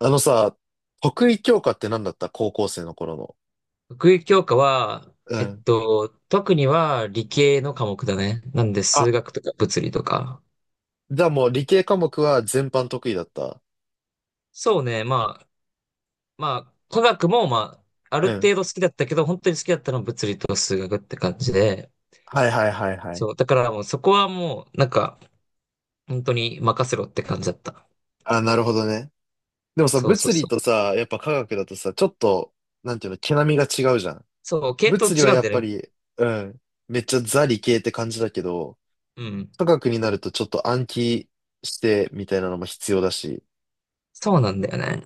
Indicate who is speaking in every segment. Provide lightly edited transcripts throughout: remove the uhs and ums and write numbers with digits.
Speaker 1: あのさ、得意教科って何だった高校生の頃の。
Speaker 2: 学位教科は、
Speaker 1: うん。
Speaker 2: 特には理系の科目だね。なんで
Speaker 1: あ、
Speaker 2: 数学とか物理とか。
Speaker 1: じゃあもう理系科目は全般得意だった。
Speaker 2: そうね、まあ、科学もまあ、ある
Speaker 1: うん。
Speaker 2: 程度好きだったけど、本当に好きだったのは物理と数学って感じで、
Speaker 1: はいはいはいはい。
Speaker 2: そう、だからもうそこはもう、なんか、本当に任せろって感じだった。
Speaker 1: あ、なるほどね。でもさ、
Speaker 2: そうそう
Speaker 1: 物理
Speaker 2: そう。
Speaker 1: とさ、やっぱ科学だとさ、ちょっと、なんていうの、毛並みが違うじゃん。
Speaker 2: そう、系統
Speaker 1: 物理は
Speaker 2: 違うん
Speaker 1: やっ
Speaker 2: だよ
Speaker 1: ぱ
Speaker 2: ね。
Speaker 1: り、うん。めっちゃザ理系って感じだけど、
Speaker 2: うん。
Speaker 1: 科学になるとちょっと暗記してみたいなのも必要だし。
Speaker 2: そうなんだよね。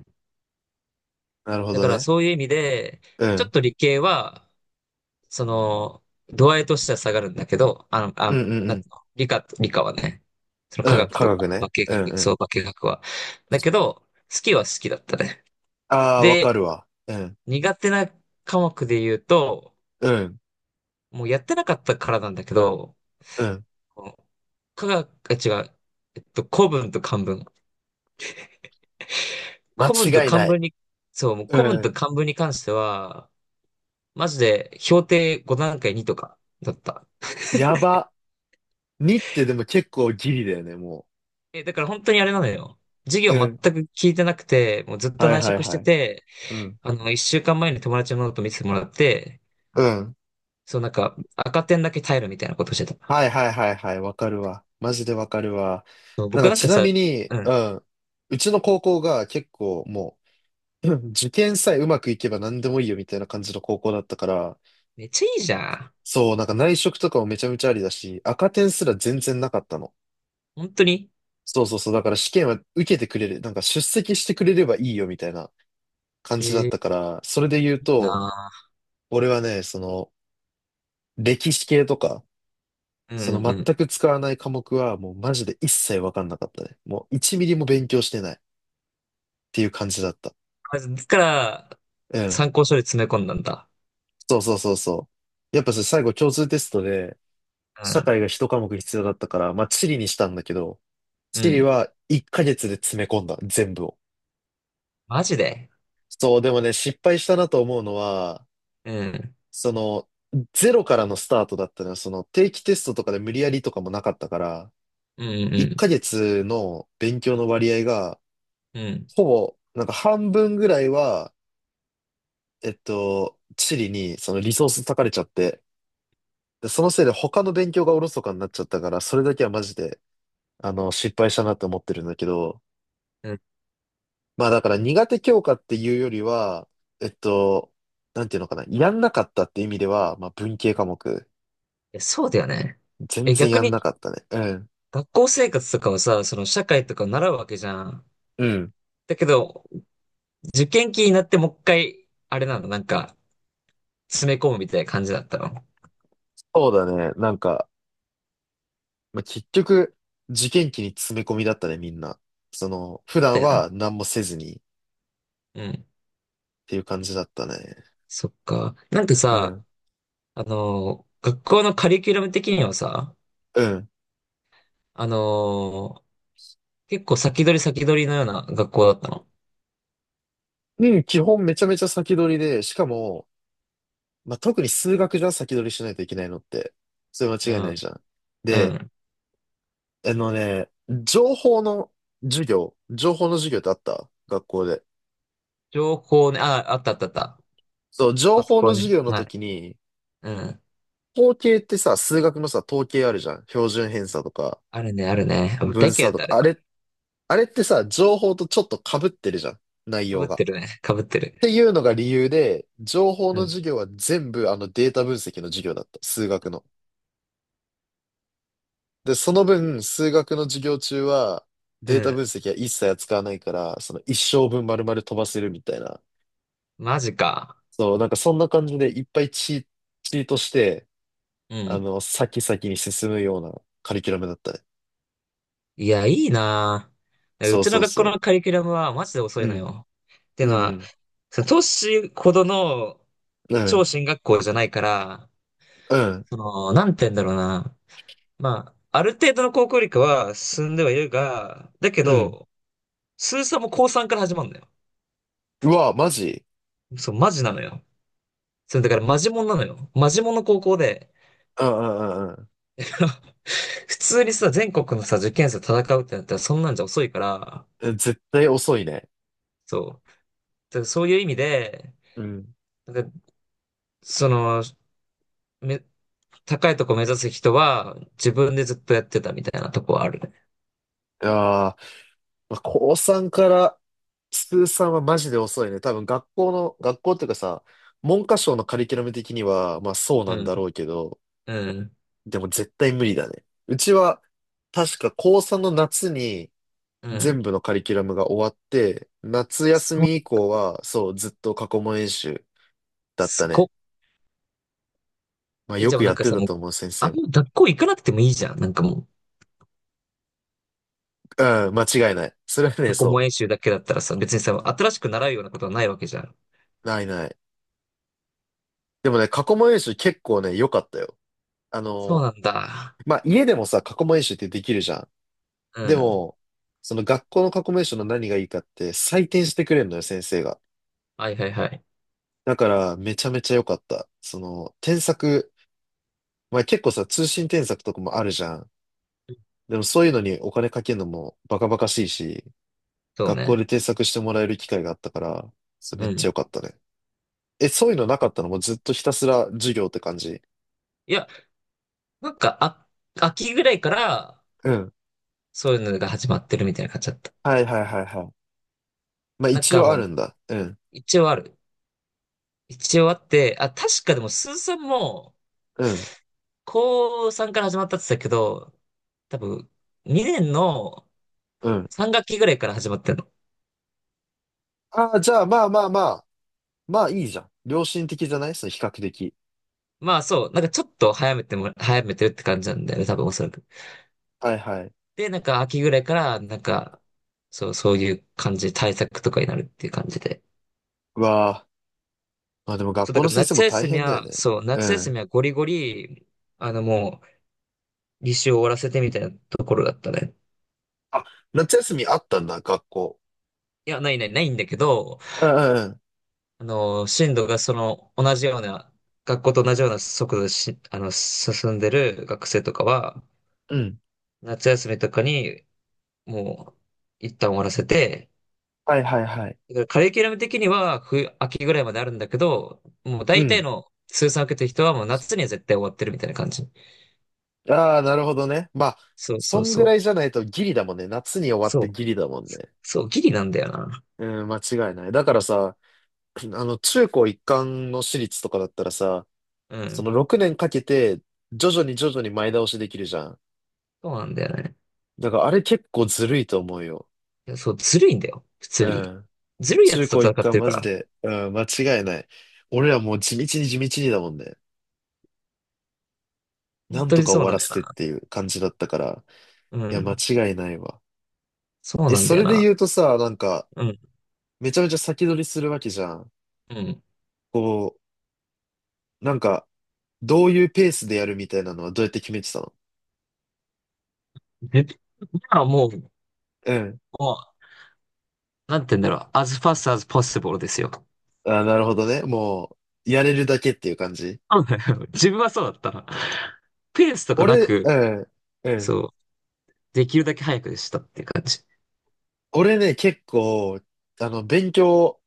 Speaker 1: なるほ
Speaker 2: だ
Speaker 1: ど
Speaker 2: から
Speaker 1: ね。
Speaker 2: そういう意味で、
Speaker 1: う
Speaker 2: ちょっ
Speaker 1: ん。
Speaker 2: と理系は、その、度合いとしては下がるんだけど、
Speaker 1: うんうんう
Speaker 2: なんつ
Speaker 1: ん。
Speaker 2: うの理科はね、その科
Speaker 1: うん。
Speaker 2: 学
Speaker 1: 科
Speaker 2: とか、
Speaker 1: 学
Speaker 2: 化
Speaker 1: ね。うん
Speaker 2: 学、
Speaker 1: う
Speaker 2: そ
Speaker 1: ん。
Speaker 2: う、化学は。だけど、好きは好きだったね。
Speaker 1: ああ、わ
Speaker 2: で、
Speaker 1: かるわ。うん。
Speaker 2: 苦手な科目で言うと、
Speaker 1: うん。
Speaker 2: もうやってなかったからなんだけど、
Speaker 1: うん。
Speaker 2: この科学、あ違う、古文と漢文。古文と
Speaker 1: 間違い
Speaker 2: 漢
Speaker 1: ない。
Speaker 2: 文に、そう、もう古文
Speaker 1: うん。
Speaker 2: と漢文に関しては、マジで評定5段階2とかだった。
Speaker 1: やば。にってでも結構ギリだよね、も
Speaker 2: え、だから本当にあれなのよ。授
Speaker 1: う
Speaker 2: 業
Speaker 1: う
Speaker 2: 全
Speaker 1: ん。
Speaker 2: く聞いてなくて、もうずっと
Speaker 1: はい
Speaker 2: 内
Speaker 1: はい
Speaker 2: 職し
Speaker 1: は
Speaker 2: て
Speaker 1: い。う。
Speaker 2: て、
Speaker 1: うん。
Speaker 2: 一週間前に友達のノート見せてもらって、
Speaker 1: うん。
Speaker 2: そうなんか赤点だけ耐えるみたいなことしてた。
Speaker 1: はいはいはいはい。わかるわ。マジでわかるわ。
Speaker 2: そう
Speaker 1: なん
Speaker 2: 僕
Speaker 1: か
Speaker 2: なん
Speaker 1: ち
Speaker 2: か
Speaker 1: な
Speaker 2: さ、
Speaker 1: みに、
Speaker 2: うん、
Speaker 1: うん。うちの高校が結構もう、うん受験さえうまくいけば何でもいいよみたいな感じの高校だったから、
Speaker 2: めっちゃいいじゃん。
Speaker 1: そう、なんか内職とかもめちゃめちゃありだし、赤点すら全然なかったの。
Speaker 2: 本当に。
Speaker 1: そうそうそう。だから試験は受けてくれる。なんか出席してくれればいいよみたいな感じだった
Speaker 2: い
Speaker 1: から、それで言う
Speaker 2: い
Speaker 1: と、
Speaker 2: な
Speaker 1: 俺はね、その、歴史系とか、
Speaker 2: ぁ。う
Speaker 1: そ
Speaker 2: ん
Speaker 1: の
Speaker 2: うんうん。
Speaker 1: 全く使わない科目はもうマジで一切わかんなかったね。もう1ミリも勉強してないっていう感じだった。
Speaker 2: まずだから、
Speaker 1: うん。
Speaker 2: 参考書で詰め込んだんだ。
Speaker 1: そうそうそうそう。やっぱさ、最後共通テストで、
Speaker 2: う
Speaker 1: 社
Speaker 2: ん、
Speaker 1: 会が一科目必要だったから、まあ地理にしたんだけど、
Speaker 2: う
Speaker 1: 地理
Speaker 2: ん。
Speaker 1: は1ヶ月で詰め込んだ、全部を。
Speaker 2: マジで。
Speaker 1: そう、でもね、失敗したなと思うのは、
Speaker 2: うん、
Speaker 1: その、ゼロからのスタートだったのは、その定期テストとかで無理やりとかもなかったから、
Speaker 2: うん、う
Speaker 1: 1
Speaker 2: ん、
Speaker 1: ヶ月の勉強の割合が、
Speaker 2: うん、うん。
Speaker 1: ほぼ、なんか半分ぐらいは、地理にそのリソース割かれちゃって、で、そのせいで他の勉強がおろそかになっちゃったから、それだけはマジで、失敗したなって思ってるんだけど、
Speaker 2: うん、い
Speaker 1: まあだから苦手教科っていうよりは、えっと、なんていうのかな、やんなかったって意味では、まあ文系科目、
Speaker 2: や、そうだよね。
Speaker 1: 全
Speaker 2: え、
Speaker 1: 然
Speaker 2: 逆
Speaker 1: やん
Speaker 2: に
Speaker 1: なかったね。うん。
Speaker 2: 学校生活とかはさ、その社会とか習うわけじゃん。
Speaker 1: うん。
Speaker 2: だけど、受験期になってもう一回、あれなの、なんか、詰め込むみたいな感じだったの。
Speaker 1: そうだね。なんか、まあ、結局、受験期に詰め込みだったね、みんな。その、普
Speaker 2: そう
Speaker 1: 段
Speaker 2: だよな。
Speaker 1: は何もせずにっ
Speaker 2: うん。
Speaker 1: ていう感じだったね。
Speaker 2: そっか。なんか
Speaker 1: う
Speaker 2: さ、
Speaker 1: ん。
Speaker 2: 学校のカリキュラム的にはさ、
Speaker 1: うん。
Speaker 2: あのー、結構先取り先取りのような学校だったの。
Speaker 1: うん基本めちゃめちゃ先取りで、しかも、まあ、特に数学じゃ先取りしないといけないのって、それ間違い
Speaker 2: う
Speaker 1: ない
Speaker 2: ん。
Speaker 1: じゃん。
Speaker 2: う
Speaker 1: で、
Speaker 2: ん。
Speaker 1: あのね、情報の情報の授業ってあった学校で。
Speaker 2: 情報ね、あ、あったあったあった。
Speaker 1: そう、情
Speaker 2: パソ
Speaker 1: 報
Speaker 2: コ
Speaker 1: の
Speaker 2: ン、
Speaker 1: 授業の
Speaker 2: はい。
Speaker 1: 時に、
Speaker 2: うん。
Speaker 1: 統計ってさ、数学のさ、統計あるじゃん。標準偏差とか、
Speaker 2: あるね、あるね。あ、
Speaker 1: 分
Speaker 2: 大嫌
Speaker 1: 散
Speaker 2: いだっ
Speaker 1: と
Speaker 2: た、あ
Speaker 1: か、
Speaker 2: れ
Speaker 1: あ
Speaker 2: は。
Speaker 1: れ、あれってさ、情報とちょっと被ってるじゃん。内
Speaker 2: かぶ
Speaker 1: 容
Speaker 2: っ
Speaker 1: が。
Speaker 2: て
Speaker 1: っ
Speaker 2: るね。かぶってる。
Speaker 1: ていうのが理由で、情報
Speaker 2: う
Speaker 1: の
Speaker 2: ん。
Speaker 1: 授業は全部データ分析の授業だった。数学の。で、その分、数学の授業中は、
Speaker 2: う
Speaker 1: データ分
Speaker 2: ん。
Speaker 1: 析は一切扱わないから、その一生分丸々飛ばせるみたいな。
Speaker 2: マジか。
Speaker 1: そう、なんかそんな感じでいっぱいチートして、
Speaker 2: うん。
Speaker 1: 先々に進むようなカリキュラムだったね。
Speaker 2: いや、いいなぁ。う
Speaker 1: そう
Speaker 2: ち
Speaker 1: そ
Speaker 2: の
Speaker 1: う
Speaker 2: 学校
Speaker 1: そ
Speaker 2: のカリキュラムはマジで遅
Speaker 1: う。
Speaker 2: い
Speaker 1: う
Speaker 2: の
Speaker 1: ん、
Speaker 2: よ。って
Speaker 1: う
Speaker 2: のは、
Speaker 1: ん、
Speaker 2: その都市ほどの
Speaker 1: う
Speaker 2: 超
Speaker 1: ん、
Speaker 2: 進学校じゃないから、
Speaker 1: うん、うん、
Speaker 2: その、なんて言うんだろうな。まあ、ある程度の高校理科は進んではいるが、だけ
Speaker 1: うん。
Speaker 2: ど、数三も高3から始まるのよ。
Speaker 1: うわ、マジ
Speaker 2: そう、マジなのよ。それだからマジモンなのよ。マジモンの高校で、
Speaker 1: うんうんうん
Speaker 2: 普通にさ、全国のさ、受験生と戦うってなったらそんなんじゃ遅いから、
Speaker 1: うん。え絶対遅いね。
Speaker 2: そう。だからそういう意味で、
Speaker 1: うん。
Speaker 2: なんかその、め、高いとこ目指す人は、自分でずっとやってたみたいなとこはあるね。
Speaker 1: ああ、まあ、高3から通算はマジで遅いね。多分学校っていうかさ、文科省のカリキュラム的には、まあそうなん
Speaker 2: うん、
Speaker 1: だろうけど、
Speaker 2: うん、
Speaker 1: でも絶対無理だね。うちは、確か高3の夏に
Speaker 2: う
Speaker 1: 全
Speaker 2: ん。
Speaker 1: 部のカリキュラムが終わって、夏休
Speaker 2: そう、
Speaker 1: み以降は、そう、ずっと過去問演習だっ
Speaker 2: す
Speaker 1: た
Speaker 2: ごっ。
Speaker 1: ね。まあ
Speaker 2: え、
Speaker 1: よ
Speaker 2: じゃ
Speaker 1: く
Speaker 2: あな
Speaker 1: や
Speaker 2: ん
Speaker 1: っ
Speaker 2: か
Speaker 1: て
Speaker 2: さ、
Speaker 1: た
Speaker 2: もう、
Speaker 1: と思う、先
Speaker 2: あ
Speaker 1: 生
Speaker 2: ん
Speaker 1: も。
Speaker 2: ま学校行かなくてもいいじゃん。なんかもう、
Speaker 1: うん、間違いない。それはね、
Speaker 2: 過去問
Speaker 1: そ
Speaker 2: 演習だけだったらさ、別にさ、新しく習うようなことはないわけじゃん。
Speaker 1: う、ないない。でもね、過去問演習結構ね、良かったよ。あ
Speaker 2: そう
Speaker 1: の、
Speaker 2: なんだ。
Speaker 1: まあ家でもさ、過去問演習ってできるじゃん。
Speaker 2: う
Speaker 1: で
Speaker 2: ん。
Speaker 1: も、その学校の過去名称の何がいいかって採点してくれるのよ、先生が。
Speaker 2: はいはいはい。
Speaker 1: だから、めちゃめちゃ良かった。その、添削、まあ結構さ、通信添削とかもあるじゃん。でもそういうのにお金かけるのもバカバカしいし、
Speaker 2: そう
Speaker 1: 学校
Speaker 2: ね。
Speaker 1: で添削してもらえる機会があったから、それめ
Speaker 2: う
Speaker 1: っちゃ良
Speaker 2: ん。
Speaker 1: かったね。え、そういうのなかったの？もうずっとひたすら授業って感じ？
Speaker 2: いや、なんか、あ、秋ぐらいから、
Speaker 1: うん。
Speaker 2: そういうのが始まってるみたいな感じだった。
Speaker 1: はいはいはいはい。まあ
Speaker 2: なん
Speaker 1: 一
Speaker 2: か
Speaker 1: 応あ
Speaker 2: もう、
Speaker 1: るんだ。うん。
Speaker 2: 一応ある。一応あって、あ、確かでも、スーさんも、
Speaker 1: うん。
Speaker 2: 高3から始まったって言ってたけど、多分、2年の
Speaker 1: うん。
Speaker 2: 3学期ぐらいから始まってんの。
Speaker 1: ああ、じゃあまあまあまあ。まあいいじゃん。良心的じゃないその比較的。
Speaker 2: まあそう、なんかちょっと早めてるって感じなんだよね、多分おそらく。
Speaker 1: はいはい。
Speaker 2: で、なんか秋ぐらいから、なんか、そう、そういう感じ、対策とかになるっていう感じで。
Speaker 1: うわーまあでも学
Speaker 2: そう、だ
Speaker 1: 校の
Speaker 2: から
Speaker 1: 先生も
Speaker 2: 夏
Speaker 1: 大
Speaker 2: 休み
Speaker 1: 変だよ
Speaker 2: は、
Speaker 1: ね。
Speaker 2: そう、夏
Speaker 1: う
Speaker 2: 休み
Speaker 1: ん。
Speaker 2: はゴリゴリ、もう、履修を終わらせてみたいなところだったね。
Speaker 1: あ、夏休みあったんだ、学校。
Speaker 2: いや、ないない、ないんだけど、
Speaker 1: うんうん
Speaker 2: 進路がその同じような、学校と同じような速度でし、あの、進んでる学生とかは、
Speaker 1: うん。うん。
Speaker 2: 夏休みとかにもう一旦終わらせて、
Speaker 1: はいはいはい。
Speaker 2: だからカリキュラム的には冬、秋ぐらいまであるんだけど、もう
Speaker 1: う
Speaker 2: 大体
Speaker 1: ん。
Speaker 2: の通算を受けてる人はもう夏には絶対終わってるみたいな感じ。
Speaker 1: ああ、なるほどね。まあ、
Speaker 2: そう
Speaker 1: そ
Speaker 2: そう
Speaker 1: ん
Speaker 2: そ
Speaker 1: ぐら
Speaker 2: う。
Speaker 1: いじゃないとギリだもんね。夏に終わっ
Speaker 2: そう。
Speaker 1: てギリだもんね。
Speaker 2: そう、ギリなんだよな。
Speaker 1: うん、間違いない。だからさ、中高一貫の私立とかだったらさ、
Speaker 2: う
Speaker 1: そ
Speaker 2: ん。
Speaker 1: の6年かけて、徐々に徐々に前倒しできるじゃん。
Speaker 2: そうなんだよね。
Speaker 1: だからあれ結構ずるいと思うよ。
Speaker 2: いや、そう、ずるいんだよ。普通
Speaker 1: う
Speaker 2: に。
Speaker 1: ん。
Speaker 2: ずるいや
Speaker 1: 中
Speaker 2: つと
Speaker 1: 高一
Speaker 2: 戦っ
Speaker 1: 貫
Speaker 2: てるか
Speaker 1: マジ
Speaker 2: ら。
Speaker 1: で、うん、間違いない。俺らもう地道に地道にだもんね。な
Speaker 2: 本
Speaker 1: ん
Speaker 2: 当
Speaker 1: と
Speaker 2: に
Speaker 1: か終
Speaker 2: そう
Speaker 1: わ
Speaker 2: な
Speaker 1: ら
Speaker 2: のよ
Speaker 1: せてっ
Speaker 2: な。
Speaker 1: ていう感じだったから。
Speaker 2: う
Speaker 1: いや、間
Speaker 2: ん。
Speaker 1: 違いないわ。
Speaker 2: そう
Speaker 1: え、
Speaker 2: なん
Speaker 1: そ
Speaker 2: だよ
Speaker 1: れで
Speaker 2: な。
Speaker 1: 言うとさ、なんか、
Speaker 2: うん、
Speaker 1: めちゃめちゃ先取りするわけじゃん。
Speaker 2: うん。
Speaker 1: こう、なんか、どういうペースでやるみたいなのはどうやって決めてたの？
Speaker 2: で、今はもう、
Speaker 1: うん。
Speaker 2: もなんて言うんだろう。as fast as possible ですよ。
Speaker 1: あ、なるほどね。もう、やれるだけっていう感じ。
Speaker 2: そうだよ、自分はそうだった。ペースとかな
Speaker 1: 俺、
Speaker 2: く、
Speaker 1: うん、うん。
Speaker 2: そう、できるだけ早くでしたっていう感じ。
Speaker 1: 俺ね、結構、勉強、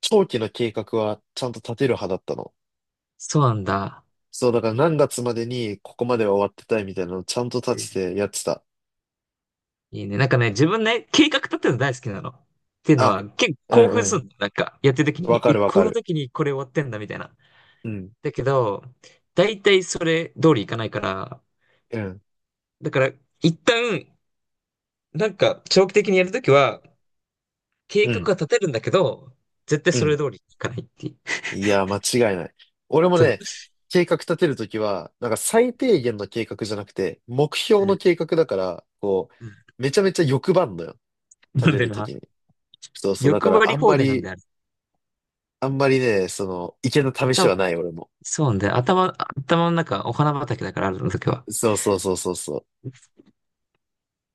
Speaker 1: 長期の計画はちゃんと立てる派だったの。
Speaker 2: そうなんだ。
Speaker 1: そう、だから何月までにここまでは終わってたいみたいなのをちゃんと
Speaker 2: え
Speaker 1: 立
Speaker 2: ー
Speaker 1: ててやってた。
Speaker 2: いいね。なんかね、自分ね、計画立てるの大好きなの。っていうの
Speaker 1: あ、
Speaker 2: は、結
Speaker 1: う
Speaker 2: 構
Speaker 1: ん
Speaker 2: 興奮す
Speaker 1: う
Speaker 2: るの。なんか、やってる時
Speaker 1: ん。わ
Speaker 2: に、
Speaker 1: か
Speaker 2: え、
Speaker 1: るわか
Speaker 2: この
Speaker 1: る。
Speaker 2: 時にこれ終わってんだ、みたいな。
Speaker 1: うん、
Speaker 2: だけど、大体それ通りいかないから、
Speaker 1: うん、
Speaker 2: だから、一旦、なんか、長期的にやるときは、計
Speaker 1: う
Speaker 2: 画
Speaker 1: ん、
Speaker 2: は立てるんだけど、絶対
Speaker 1: う
Speaker 2: そ
Speaker 1: ん。
Speaker 2: れ通りにいかないっていう。
Speaker 1: いや、間違いない。俺も
Speaker 2: そう。
Speaker 1: ね、計画立てるときは、なんか最低限の計画じゃなくて、目標の計画だから、こ
Speaker 2: うん。
Speaker 1: う、めちゃめちゃ欲張んのよ。立
Speaker 2: なん
Speaker 1: て
Speaker 2: で
Speaker 1: ると
Speaker 2: な、
Speaker 1: きに。そうそう。だか
Speaker 2: 欲張
Speaker 1: ら、
Speaker 2: り
Speaker 1: あん
Speaker 2: 放
Speaker 1: ま
Speaker 2: 題なんで
Speaker 1: り、
Speaker 2: ある。
Speaker 1: あんまりね、その、池の試しは
Speaker 2: 頭、
Speaker 1: ない、俺も。
Speaker 2: そうなんだよ。頭の中、お花畑だから、あるの時は。
Speaker 1: そうそうそうそうそう。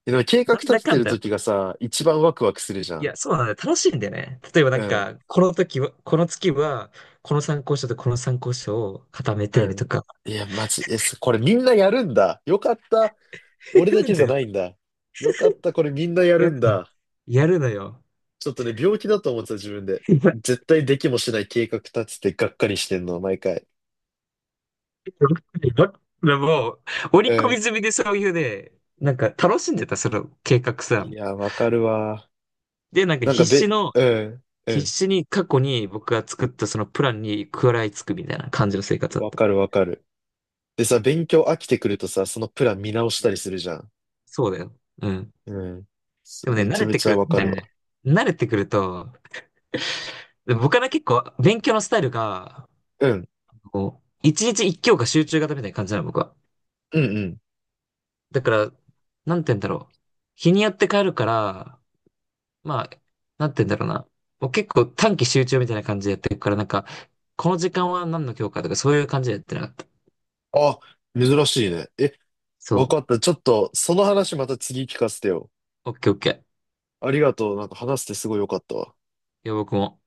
Speaker 1: でも計画
Speaker 2: なん
Speaker 1: 立
Speaker 2: だ
Speaker 1: て
Speaker 2: か
Speaker 1: て
Speaker 2: ん
Speaker 1: る
Speaker 2: だ。
Speaker 1: ときがさ、一番ワクワクするじゃ
Speaker 2: い
Speaker 1: ん。
Speaker 2: や、そうなんだよ。楽しいんだよね。例えばな
Speaker 1: う
Speaker 2: ん
Speaker 1: ん
Speaker 2: か、この時は、この月は、この参考書とこの参考書を固め
Speaker 1: う
Speaker 2: て
Speaker 1: ん。
Speaker 2: とか、
Speaker 1: いや、マジ、え、すこれみんなやるんだ。よかった。
Speaker 2: や
Speaker 1: 俺だ
Speaker 2: る
Speaker 1: け
Speaker 2: ん
Speaker 1: じ
Speaker 2: だ
Speaker 1: ゃ
Speaker 2: よ。
Speaker 1: ないんだ。よかった。これみんなやる
Speaker 2: や
Speaker 1: ん
Speaker 2: るの。
Speaker 1: だ。
Speaker 2: やるのよ。
Speaker 1: ちょっとね、病気だと思ってた自分で。
Speaker 2: い
Speaker 1: 絶対できもしない計画立ててがっかりしてんの、毎回。
Speaker 2: やでも、織
Speaker 1: う
Speaker 2: り込み
Speaker 1: ん。
Speaker 2: 済みでそういうね、なんか楽しんでた、その計画さ。
Speaker 1: いや、わかるわ。
Speaker 2: で、なんか
Speaker 1: なんかべ、うん、う
Speaker 2: 必
Speaker 1: ん。
Speaker 2: 死に過去に僕が作ったそのプランに食らいつくみたいな感じの生活だっ
Speaker 1: わ
Speaker 2: た。
Speaker 1: かるわかる。でさ、勉強飽きてくるとさ、そのプラン見直したりするじゃん。
Speaker 2: そうだよ。うん。
Speaker 1: うん。
Speaker 2: で
Speaker 1: そ
Speaker 2: も
Speaker 1: う
Speaker 2: ね、
Speaker 1: めちゃめちゃわかるわ。
Speaker 2: 慣れてくると、で僕はね、結構勉強のスタイルが、
Speaker 1: うん。
Speaker 2: こう、一日一教科集中型みたいな感じなの、僕は。
Speaker 1: うんうん。
Speaker 2: だから、なんて言うんだろう。日によって変えるから、まあ、なんて言うんだろうな。もう結構短期集中みたいな感じでやってるから、なんか、この時間は何の教科とかそういう感じでやってなかった。
Speaker 1: あ、珍しいね。え、わか
Speaker 2: そ
Speaker 1: った。ちょっと、その話また次聞かせてよ。
Speaker 2: う。オッケーオッケー。
Speaker 1: ありがとう。なんか話してすごい良かったわ。
Speaker 2: いや、僕も。